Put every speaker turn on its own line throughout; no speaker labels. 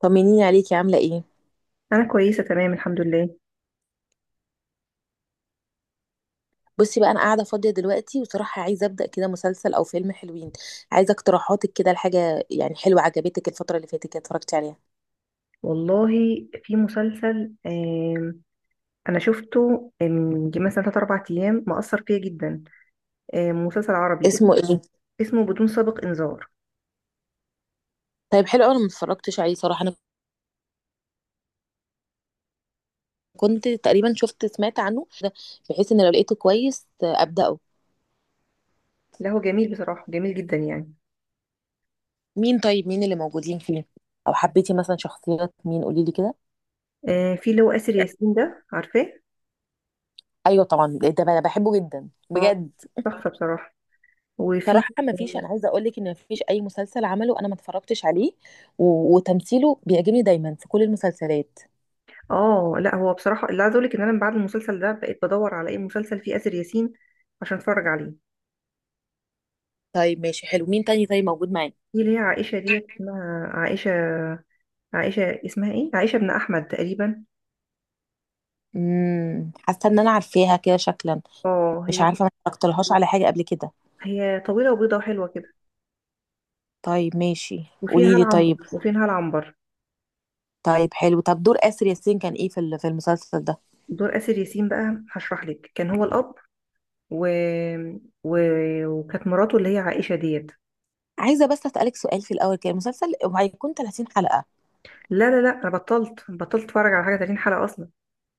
طمنيني عليكي عاملة ايه؟
انا كويسه تمام، الحمد لله.
بصي بقى انا قاعدة فاضية دلوقتي، وصراحة عايزة ابدأ كده مسلسل او فيلم حلوين. عايزة اقتراحاتك كده لحاجة يعني حلوة عجبتك الفترة اللي فاتت كده، اتفرجتي عليها؟
والله، في مسلسل انا شفته من يجي مثلا 3 4 ايام، مأثر فيا جدا. مسلسل عربي اسمه.
اسمه ايه؟
اسمه بدون سابق انذار.
طيب حلو أوي، انا ما اتفرجتش عليه صراحة. انا كنت تقريبا شفت سمعت عنه، بحيث ان لو لقيته كويس ابدأه.
لا، هو جميل بصراحه، جميل جدا يعني.
مين طيب، مين اللي موجودين فيه؟ او حبيتي مثلا شخصيات مين، قولي لي كده؟
في اللي هو آسر ياسين ده، عارفاه.
ايوه طبعا ده بقى انا بحبه جدا
اه.
بجد.
تحفه بصراحه. وفي
صراحة ما فيش، أنا عايزة أقول لك إن ما فيش أي مسلسل عمله أنا ما اتفرجتش عليه. وتمثيله بيعجبني دايما في كل المسلسلات.
اه، لا هو بصراحه اللي عايزه اقول لك ان انا من بعد المسلسل ده بقيت بدور على اي مسلسل فيه آسر ياسين عشان اتفرج عليه.
طيب ماشي حلو، مين تاني طيب موجود معانا؟
في اللي هي عائشه ديت، اسمها عائشه. اسمها ايه، عائشه بن احمد تقريبا.
حاسة إن أنا عارفاها كده شكلا،
اه،
مش
هي.
عارفة، ما اتفرجتلهاش على حاجة قبل كده.
هي طويلة وبيضة وحلوة كده.
طيب ماشي.
وفيها
قولي لي
العنبر
طيب.
وفيها العنبر
طيب حلو، طب دور آسر ياسين كان إيه في المسلسل ده؟
دور آسر ياسين بقى، هشرح لك، كان هو الأب، و... و... وكانت مراته اللي هي عائشة ديت.
عايزة بس أسألك سؤال في الأول، كده المسلسل هيكون 30 حلقة؟
لا لا لا، أنا بطلت أتفرج على حاجة 30 حلقة أصلا.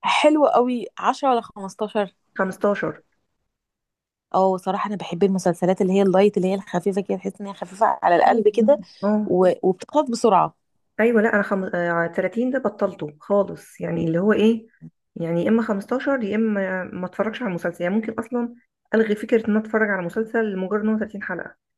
حلو قوي، 10 ولا 15؟
15.
اه، صراحة انا بحب المسلسلات اللي هي اللايت، اللي هي الخفيفة كده، تحس ان هي خفيفة على القلب كده
اه،
وبتخلص بسرعة.
أيوة. لا، أنا خم... آه، 30 ده بطلته خالص، يعني اللي هو إيه، يعني يا إما 15 يا إما ما أتفرجش على المسلسل، يعني ممكن أصلا ألغي فكرة إن أنا أتفرج على مسلسل لمجرد إن هو 30 حلقة.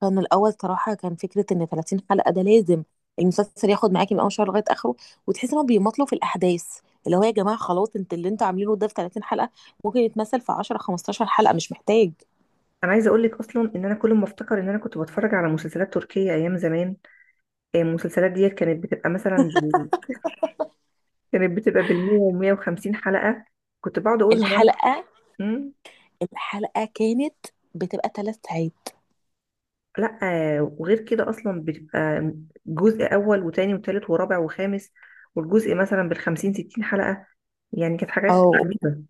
كان الاول صراحة كان فكرة ان 30 حلقة ده لازم المسلسل ياخد معاكي من اول شهر لغاية اخره، وتحس انهم بيمطلوا في الاحداث، اللي هو يا جماعة خلاص انت اللي انتوا عاملينه ده في 30 حلقة، ممكن يتمثل في 10 15 حلقة، مش محتاج.
انا عايزه اقول لك اصلا ان انا كل ما افتكر ان انا كنت بتفرج على مسلسلات تركيه ايام زمان. المسلسلات ديت كانت بتبقى بال100 و150 حلقه. كنت بقعد اقول هو انا.
الحلقة،
مم؟
الحلقة كانت بتبقى 3 ساعات.
لا. وغير كده اصلا بتبقى جزء اول وتاني وتالت ورابع وخامس، والجزء مثلا بالخمسين ستين حلقه. يعني كانت حاجات
اه.
عجيبه.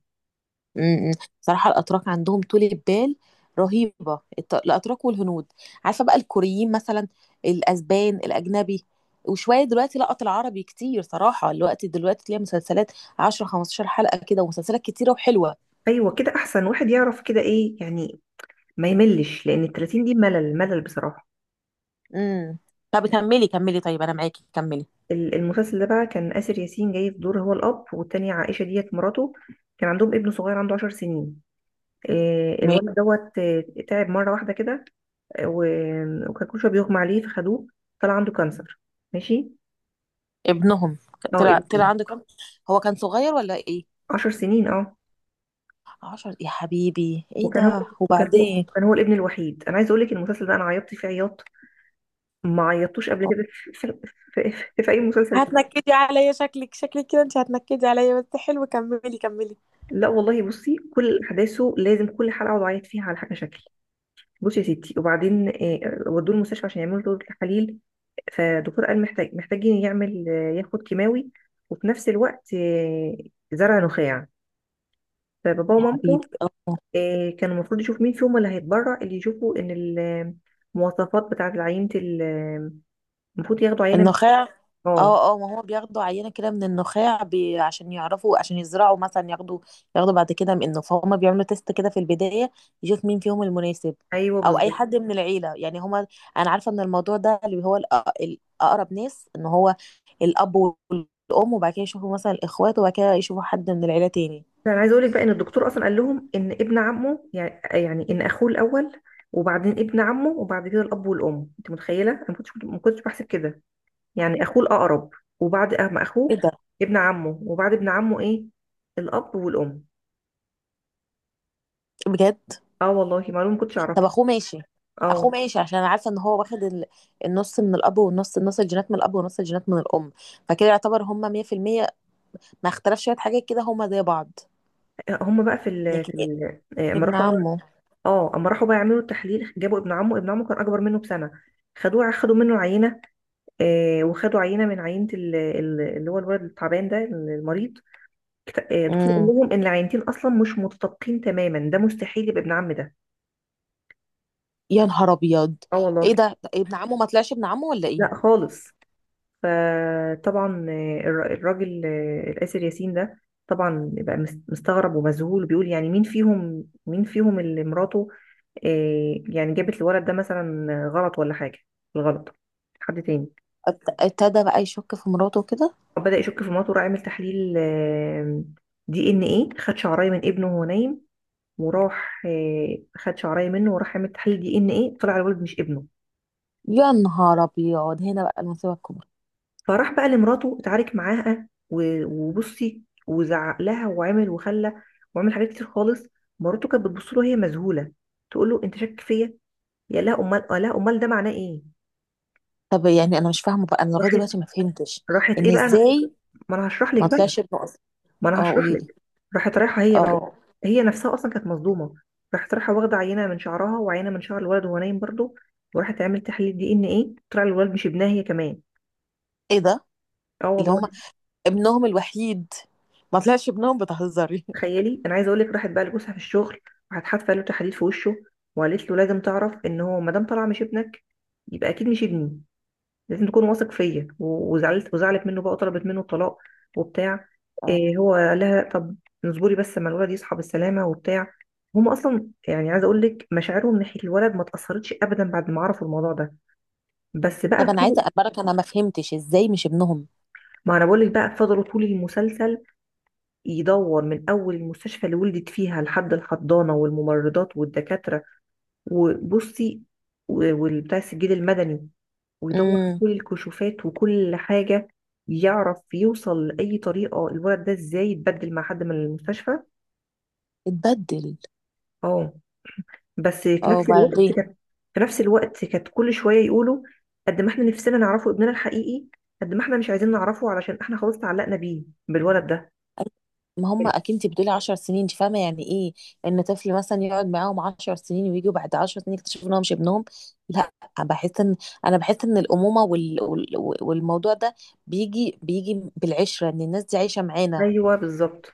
امم امم. صراحة الأتراك عندهم طولة بال رهيبة، الأتراك والهنود، عارفة بقى الكوريين مثلا، الأسبان، الأجنبي. وشوية دلوقتي لقط العربي كتير صراحة، الوقت دلوقتي تلاقي مسلسلات 10 15 حلقة كده، ومسلسلات كتيرة وحلوة.
ايوه، كده احسن، واحد يعرف كده ايه يعني، ما يملش، لان التلاتين دي ملل ملل بصراحه.
امم طب كملي كملي طيب، أنا معاكي، كملي.
المسلسل ده بقى كان آسر ياسين جاي في دور هو الأب، والتانية عائشة ديت مراته. كان عندهم ابن صغير، عنده 10 سنين.
م-
الولد دوت تعب مرة واحدة كده. وكان كل شوية بيغمى عليه، فخدوه طلع عنده كانسر. ماشي.
ابنهم
اه،
طلع
ابن.
عنده كام، هو كان صغير ولا إيه؟
عشر سنين، اه.
10؟ يا حبيبي إيه
وكان هو
ده،
وكان هو
وبعدين؟
كان هو الابن الوحيد. انا عايزه اقول لك المسلسل ده انا عيطت فيه عياط ما عيطتوش قبل كده في اي مسلسل تاني.
هتنكدي عليا، شكلك شكلك كده انت هتنكدي عليا، بس حلو كملي كملي.
لا والله، بصي كل احداثه، لازم كل حلقه اقعد اعيط فيها على حاجه شكل. بصي يا ستي، وبعدين ودوه المستشفى عشان يعملوا له تحاليل. فالدكتور قال محتاجين يعمل ياخد كيماوي، وفي نفس الوقت زرع نخاع. فبابا
يا حبيبي
ومامته
اه.
كانوا المفروض يشوفوا مين فيهم اللي هيتبرع، اللي يشوفوا ان المواصفات بتاعة العينة المفروض ياخدوا عينة
النخاع.
اه.
اه اه، ما هو بياخدوا عينة كده من النخاع عشان يعرفوا، عشان يزرعوا مثلا ياخدوا، ياخدوا بعد كده منه، فهم بيعملوا تيست كده في البداية يشوف مين فيهم المناسب.
ايوه،
او اي
بالظبط.
حد من العيلة يعني، هما انا عارفة ان الموضوع ده اللي هو الاقرب ناس ان هو الاب والام، وبعد كده يشوفوا مثلا الاخوات، وبعد كده يشوفوا حد من العيلة تاني.
فانا عايزه اقول لك بقى ان الدكتور اصلا قال لهم ان ابن عمه، يعني ان اخوه الاول، وبعدين ابن عمه، وبعد كده الاب والام. انت متخيله، انا ما كنتش بحسب كده، يعني اخوه الاقرب، وبعد أم
ايه
اخوه
ده،
ابن عمه، وبعد ابن عمه ايه، الاب والام.
بجد؟
اه والله، معلومه ما كنتش
طب
اعرفها.
اخوه ماشي. اخوه
اه.
ماشي عشان انا عارفه ان هو واخد النص من الاب، والنص نص الجينات من الاب ونص الجينات من الام، فكده يعتبر هما 100%، ما اختلف شويه حاجات كده، هما زي بعض.
هم بقى في ال
لكن
في
إيه؟
ال آه، اما
ابن عمه؟
اه، اما راحوا بقى يعملوا التحليل، جابوا ابن عمه كان اكبر منه بسنه. خدوا منه عينه، آه، وخدوا عينه من عينه اللي هو الولد التعبان ده، المريض. الدكتور قال
امم.
لهم ان العينتين اصلا مش متطابقين تماما، ده مستحيل يبقى ابن عم ده.
يا نهار ابيض،
اه والله.
ايه ده؟ ابن عمه ما طلعش ابن عمه ولا ايه؟
لا خالص. فطبعا الراجل الآسر ياسين ده طبعا بقى مستغرب ومذهول، بيقول يعني مين فيهم اللي مراته يعني جابت الولد ده مثلا غلط، ولا حاجة الغلط، حد تاني.
ابتدى بقى يشك في مراته كده.
بدأ يشك في مراته، راح عمل تحليل دي ان ايه، خد شعرايه من ابنه وهو نايم، وراح خد شعرايه منه وراح عمل تحليل دي ان ايه، طلع الولد مش ابنه.
يا نهار ابيض، هنا بقى المصيبه الكبرى.
فراح بقى لمراته، اتعارك معاها وبصي، وزعق لها وعمل وخلى وعمل حاجات كتير خالص. مراته كانت بتبص له وهي مذهوله، تقول له انت شاك فيا؟ يا لا امال، ده معناه ايه؟
طب يعني انا مش فاهمه بقى، انا لغايه
راحت،
دلوقتي ما فهمتش،
راحت
ان
ايه بقى انا.
ازاي
ما انا هشرح لك
ما
بقى.
طلعش ابنه اصلا؟
ما انا
اه،
هشرح
قولي لي.
لك. راحت رايحه هي بقى.
اه،
هي نفسها اصلا كانت مصدومه. راحت رايحه واخده عينه من شعرها وعينه من شعر الولد وهو نايم برضه، وراحت عملت تحليل دي ان ايه، طلع الولد مش ابنها هي كمان.
ايه ده؟
اه
اللي
والله.
هما ابنهم الوحيد ما طلعش ابنهم؟ بتهزري؟
تخيلي، انا عايزه اقول لك راحت بقى لجوزها في الشغل. راحت حادفه له تحديد في وشه، وقالت له لازم تعرف ان هو ما دام طلع مش ابنك، يبقى اكيد مش ابني، لازم تكون واثق فيا. وزعلت منه بقى، وطلبت منه الطلاق وبتاع.
اه.
إيه، هو قال لها طب اصبري بس اما الولد يصحى بالسلامه وبتاع. هم اصلا يعني، عايزه اقول لك مشاعرهم ناحيه الولد ما اتاثرتش ابدا بعد ما عرفوا الموضوع ده. بس
طب
بقى
انا عايزه
طول
اخبرك، انا ما فهمتش ازاي مش ابنهم.
ما انا بقول لك بقى، فضلوا طول المسلسل يدور من اول المستشفى اللي ولدت فيها، لحد الحضانه والممرضات والدكاتره، وبصي، والبتاع، السجل المدني، ويدور في
امم.
كل الكشوفات وكل حاجة، يعرف يوصل لأي طريقة الولد ده ازاي يتبدل مع حد من المستشفى.
اتبدل؟
اه. بس في
اه،
نفس الوقت
وبعدين؟
كانت في نفس الوقت كانت كل شوية يقولوا، قد ما احنا نفسنا نعرفه ابننا الحقيقي، قد ما احنا مش عايزين نعرفه، علشان احنا خلاص تعلقنا بيه، بالولد ده.
ما هم اكيد، انت بتقولي 10 سنين، انت فاهمه يعني ايه ان طفل مثلا يقعد معاهم 10 سنين، ويجوا بعد 10 سنين يكتشفوا ان هو مش ابنهم؟ لا، بحس ان، انا بحس ان الامومه والموضوع ده بيجي بيجي بالعشره، ان الناس دي عايشه معانا.
ايوه بالظبط.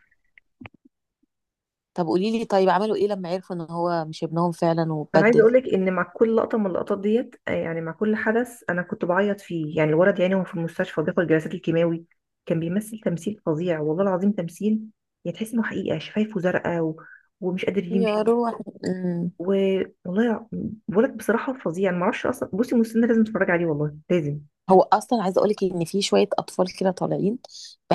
طب قولي لي طيب، عملوا ايه لما عرفوا ان هو مش ابنهم فعلا
انا عايزه
واتبدل؟
اقولك ان مع كل لقطه من اللقطات ديت يعني مع كل حدث انا كنت بعيط فيه. يعني الولد، يعني هو في المستشفى بياخد جلسات الكيماوي، كان بيمثل تمثيل فظيع والله العظيم، تمثيل. يعني تحس انه حقيقه، شفايفه زرقاء، ومش قادر
يا
يمشي،
روح.
و... والله يع- ولد بصراحه فظيع. انا ما اعرفش اصلا، بصي مستنى، لازم تتفرج عليه والله، لازم.
هو اصلا عايزه اقولك ان في شويه اطفال كده طالعين،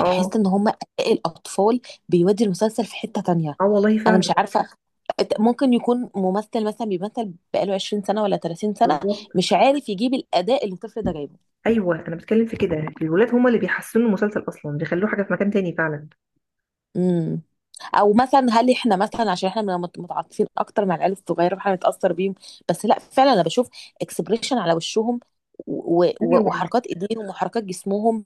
اه،
ان هم الاطفال بيودي المسلسل في حته تانية.
اه والله
انا
فعلا.
مش عارفه، ممكن يكون ممثل مثلا بيمثل بقاله 20 سنه ولا 30 سنه،
بالظبط،
مش عارف يجيب الاداء اللي الطفل ده جايبه.
ايوه انا بتكلم في كده. الولاد هما اللي بيحسنوا المسلسل اصلا، بيخلوه حاجه في مكان تاني فعلا.
امم او مثلا هل احنا مثلا عشان احنا بنبقى متعاطفين اكتر مع العيال الصغيره فاحنا نتاثر بيهم؟ بس لا فعلا انا بشوف اكسبريشن على وشهم
ايوه.
وحركات ايديهم وحركات جسمهم،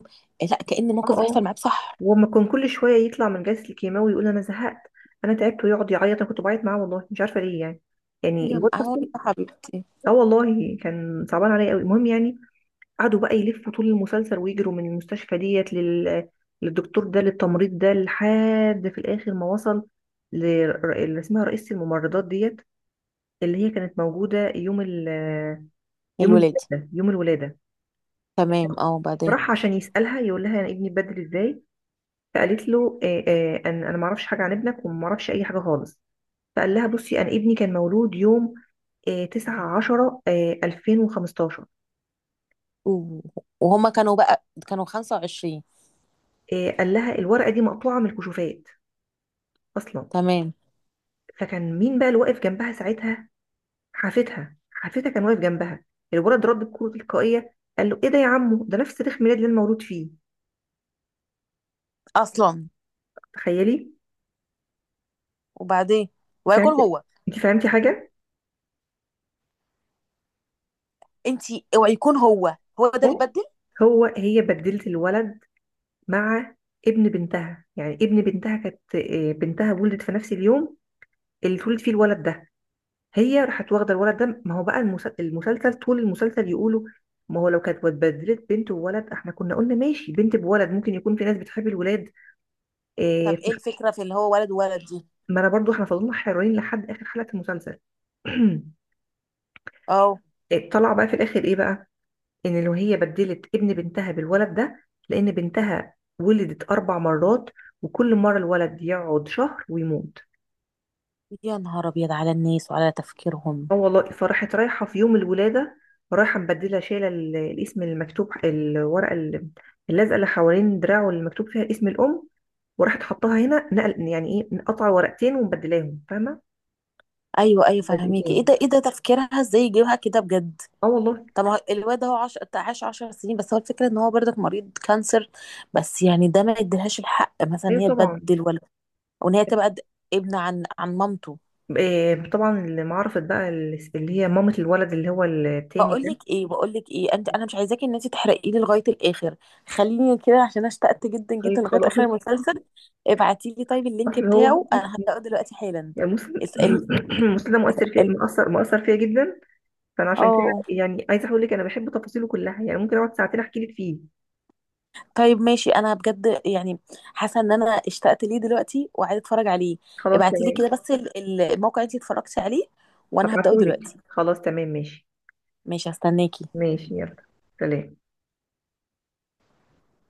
لا كأن
اه،
موقف بيحصل
اه،
معاه بصح.
وما كان كل شويه يطلع من جلسه الكيماوي يقول انا زهقت، انا تعبت، ويقعد يعيط. انا كنت بعيط معاه والله، مش عارفه ليه يعني، يعني
يا
الواد
نهار
اصلا،
يا حبيبتي.
اه والله كان صعبان عليا قوي. المهم يعني، قعدوا بقى يلفوا طول المسلسل ويجروا من المستشفى ديت للدكتور ده، للتمريض ده، لحد في الاخر ما وصل ل- اللي اسمها رئيسة الممرضات ديت، اللي هي كانت موجوده
الولادي،
يوم الولاده.
تمام، اه، وبعدين؟
راح عشان يسألها، يقول لها انا ابني اتبدل ازاي؟ فقالت له أن أنا ما أعرفش حاجة عن ابنك، وما أعرفش أي حاجة خالص. فقال لها بصي، أنا ابني كان مولود يوم 9 10 2015.
و- وهما كانوا بقى كانوا 25.
قال لها الورقة دي مقطوعة من الكشوفات أصلا.
تمام.
فكان مين بقى اللي واقف جنبها ساعتها؟ حافتها كان واقف جنبها الولد، رد بكرة تلقائية قال له إيه ده يا عمو؟ ده نفس تاريخ ميلاد اللي أنا مولود فيه.
اصلا؟
تخيلي.
وبعدين؟
أنت
ويكون
فهمتي
هو؟
أنت فهمتي حاجة؟
انتي اوعي يكون هو، هو ده اللي
آه.
بدل؟
هي بدلت الولد مع ابن بنتها. يعني ابن بنتها كانت بنتها ولدت في نفس اليوم اللي اتولد فيه الولد ده. هي راحت واخده الولد ده. ما هو بقى المسلسل طول المسلسل يقولوا، ما هو لو كانت اتبدلت بنت وولد، احنا كنا قلنا ماشي، بنت بولد ممكن يكون في ناس بتحب الولاد. آه،
طب ايه
في-
الفكره في اللي هو ولد وولد دي؟
ما انا برضو، احنا فضلنا حيرانين لحد اخر حلقه المسلسل.
اه.
طلع بقى في الاخر ايه بقى، ان لو هي بدلت ابن بنتها بالولد ده، لان بنتها ولدت 4 مرات، وكل مره الولد يقعد شهر ويموت.
يا نهار ابيض على الناس وعلى تفكيرهم.
اه والله، فراحت رايحة في يوم الولادة، رايحة مبدلة، شايلة الاسم المكتوب الورقة اللازقة اللي حوالين دراعه، اللي مكتوب فيها اسم الأم، وراحت حطاها هنا نقل. يعني ايه، مقطعة ورقتين ومبدلاهم، فاهمة؟
ايوه ايوه، فهميكي. ايه
لزقتين.
ده، ايه ده تفكيرها ازاي يجيبها كده بجد؟
اه والله.
طب ما هو الواد ده هو عاش 10 سنين بس، هو الفكره ان هو برضك مريض كانسر، بس يعني ده ما يديلهاش الحق مثلا
ايوه
هي
طبعا.
تبدل. ولا وان هي تبقى ابن عن مامته.
إيه طبعا، اللي ما عرفت بقى اللي هي مامة الولد اللي هو التاني
بقول
ده.
لك ايه، بقول لك ايه انت، انا مش عايزاكي ان انت تحرقي لي لغايه الاخر، خليني كده عشان اشتقت جدا جدا
طيب
لغايه
خلاص.
اخر المسلسل. ابعتي لي طيب اللينك
اصل هو
بتاعه، انا هبداه دلوقتي حالا.
يعني مسلم.
اسال.
مسلم ده مؤثر في،
ال-
مؤثر فيا جدا. فانا عشان كده
اه،
يعني عايزه اقول لك انا بحب تفاصيله كلها، يعني ممكن اقعد ساعتين احكي لك فيه.
طيب ماشي انا بجد يعني، حاسه ان انا اشتقت ليه دلوقتي وعايزه اتفرج عليه.
خلاص
ابعتي لي كده
تمام.
بس الموقع اللي انت اتفرجتي عليه، وانا هبداه
هبعتهولك،
دلوقتي.
خلاص تمام، ماشي.
ماشي هستناكي.
ماشي، يلا. سلام.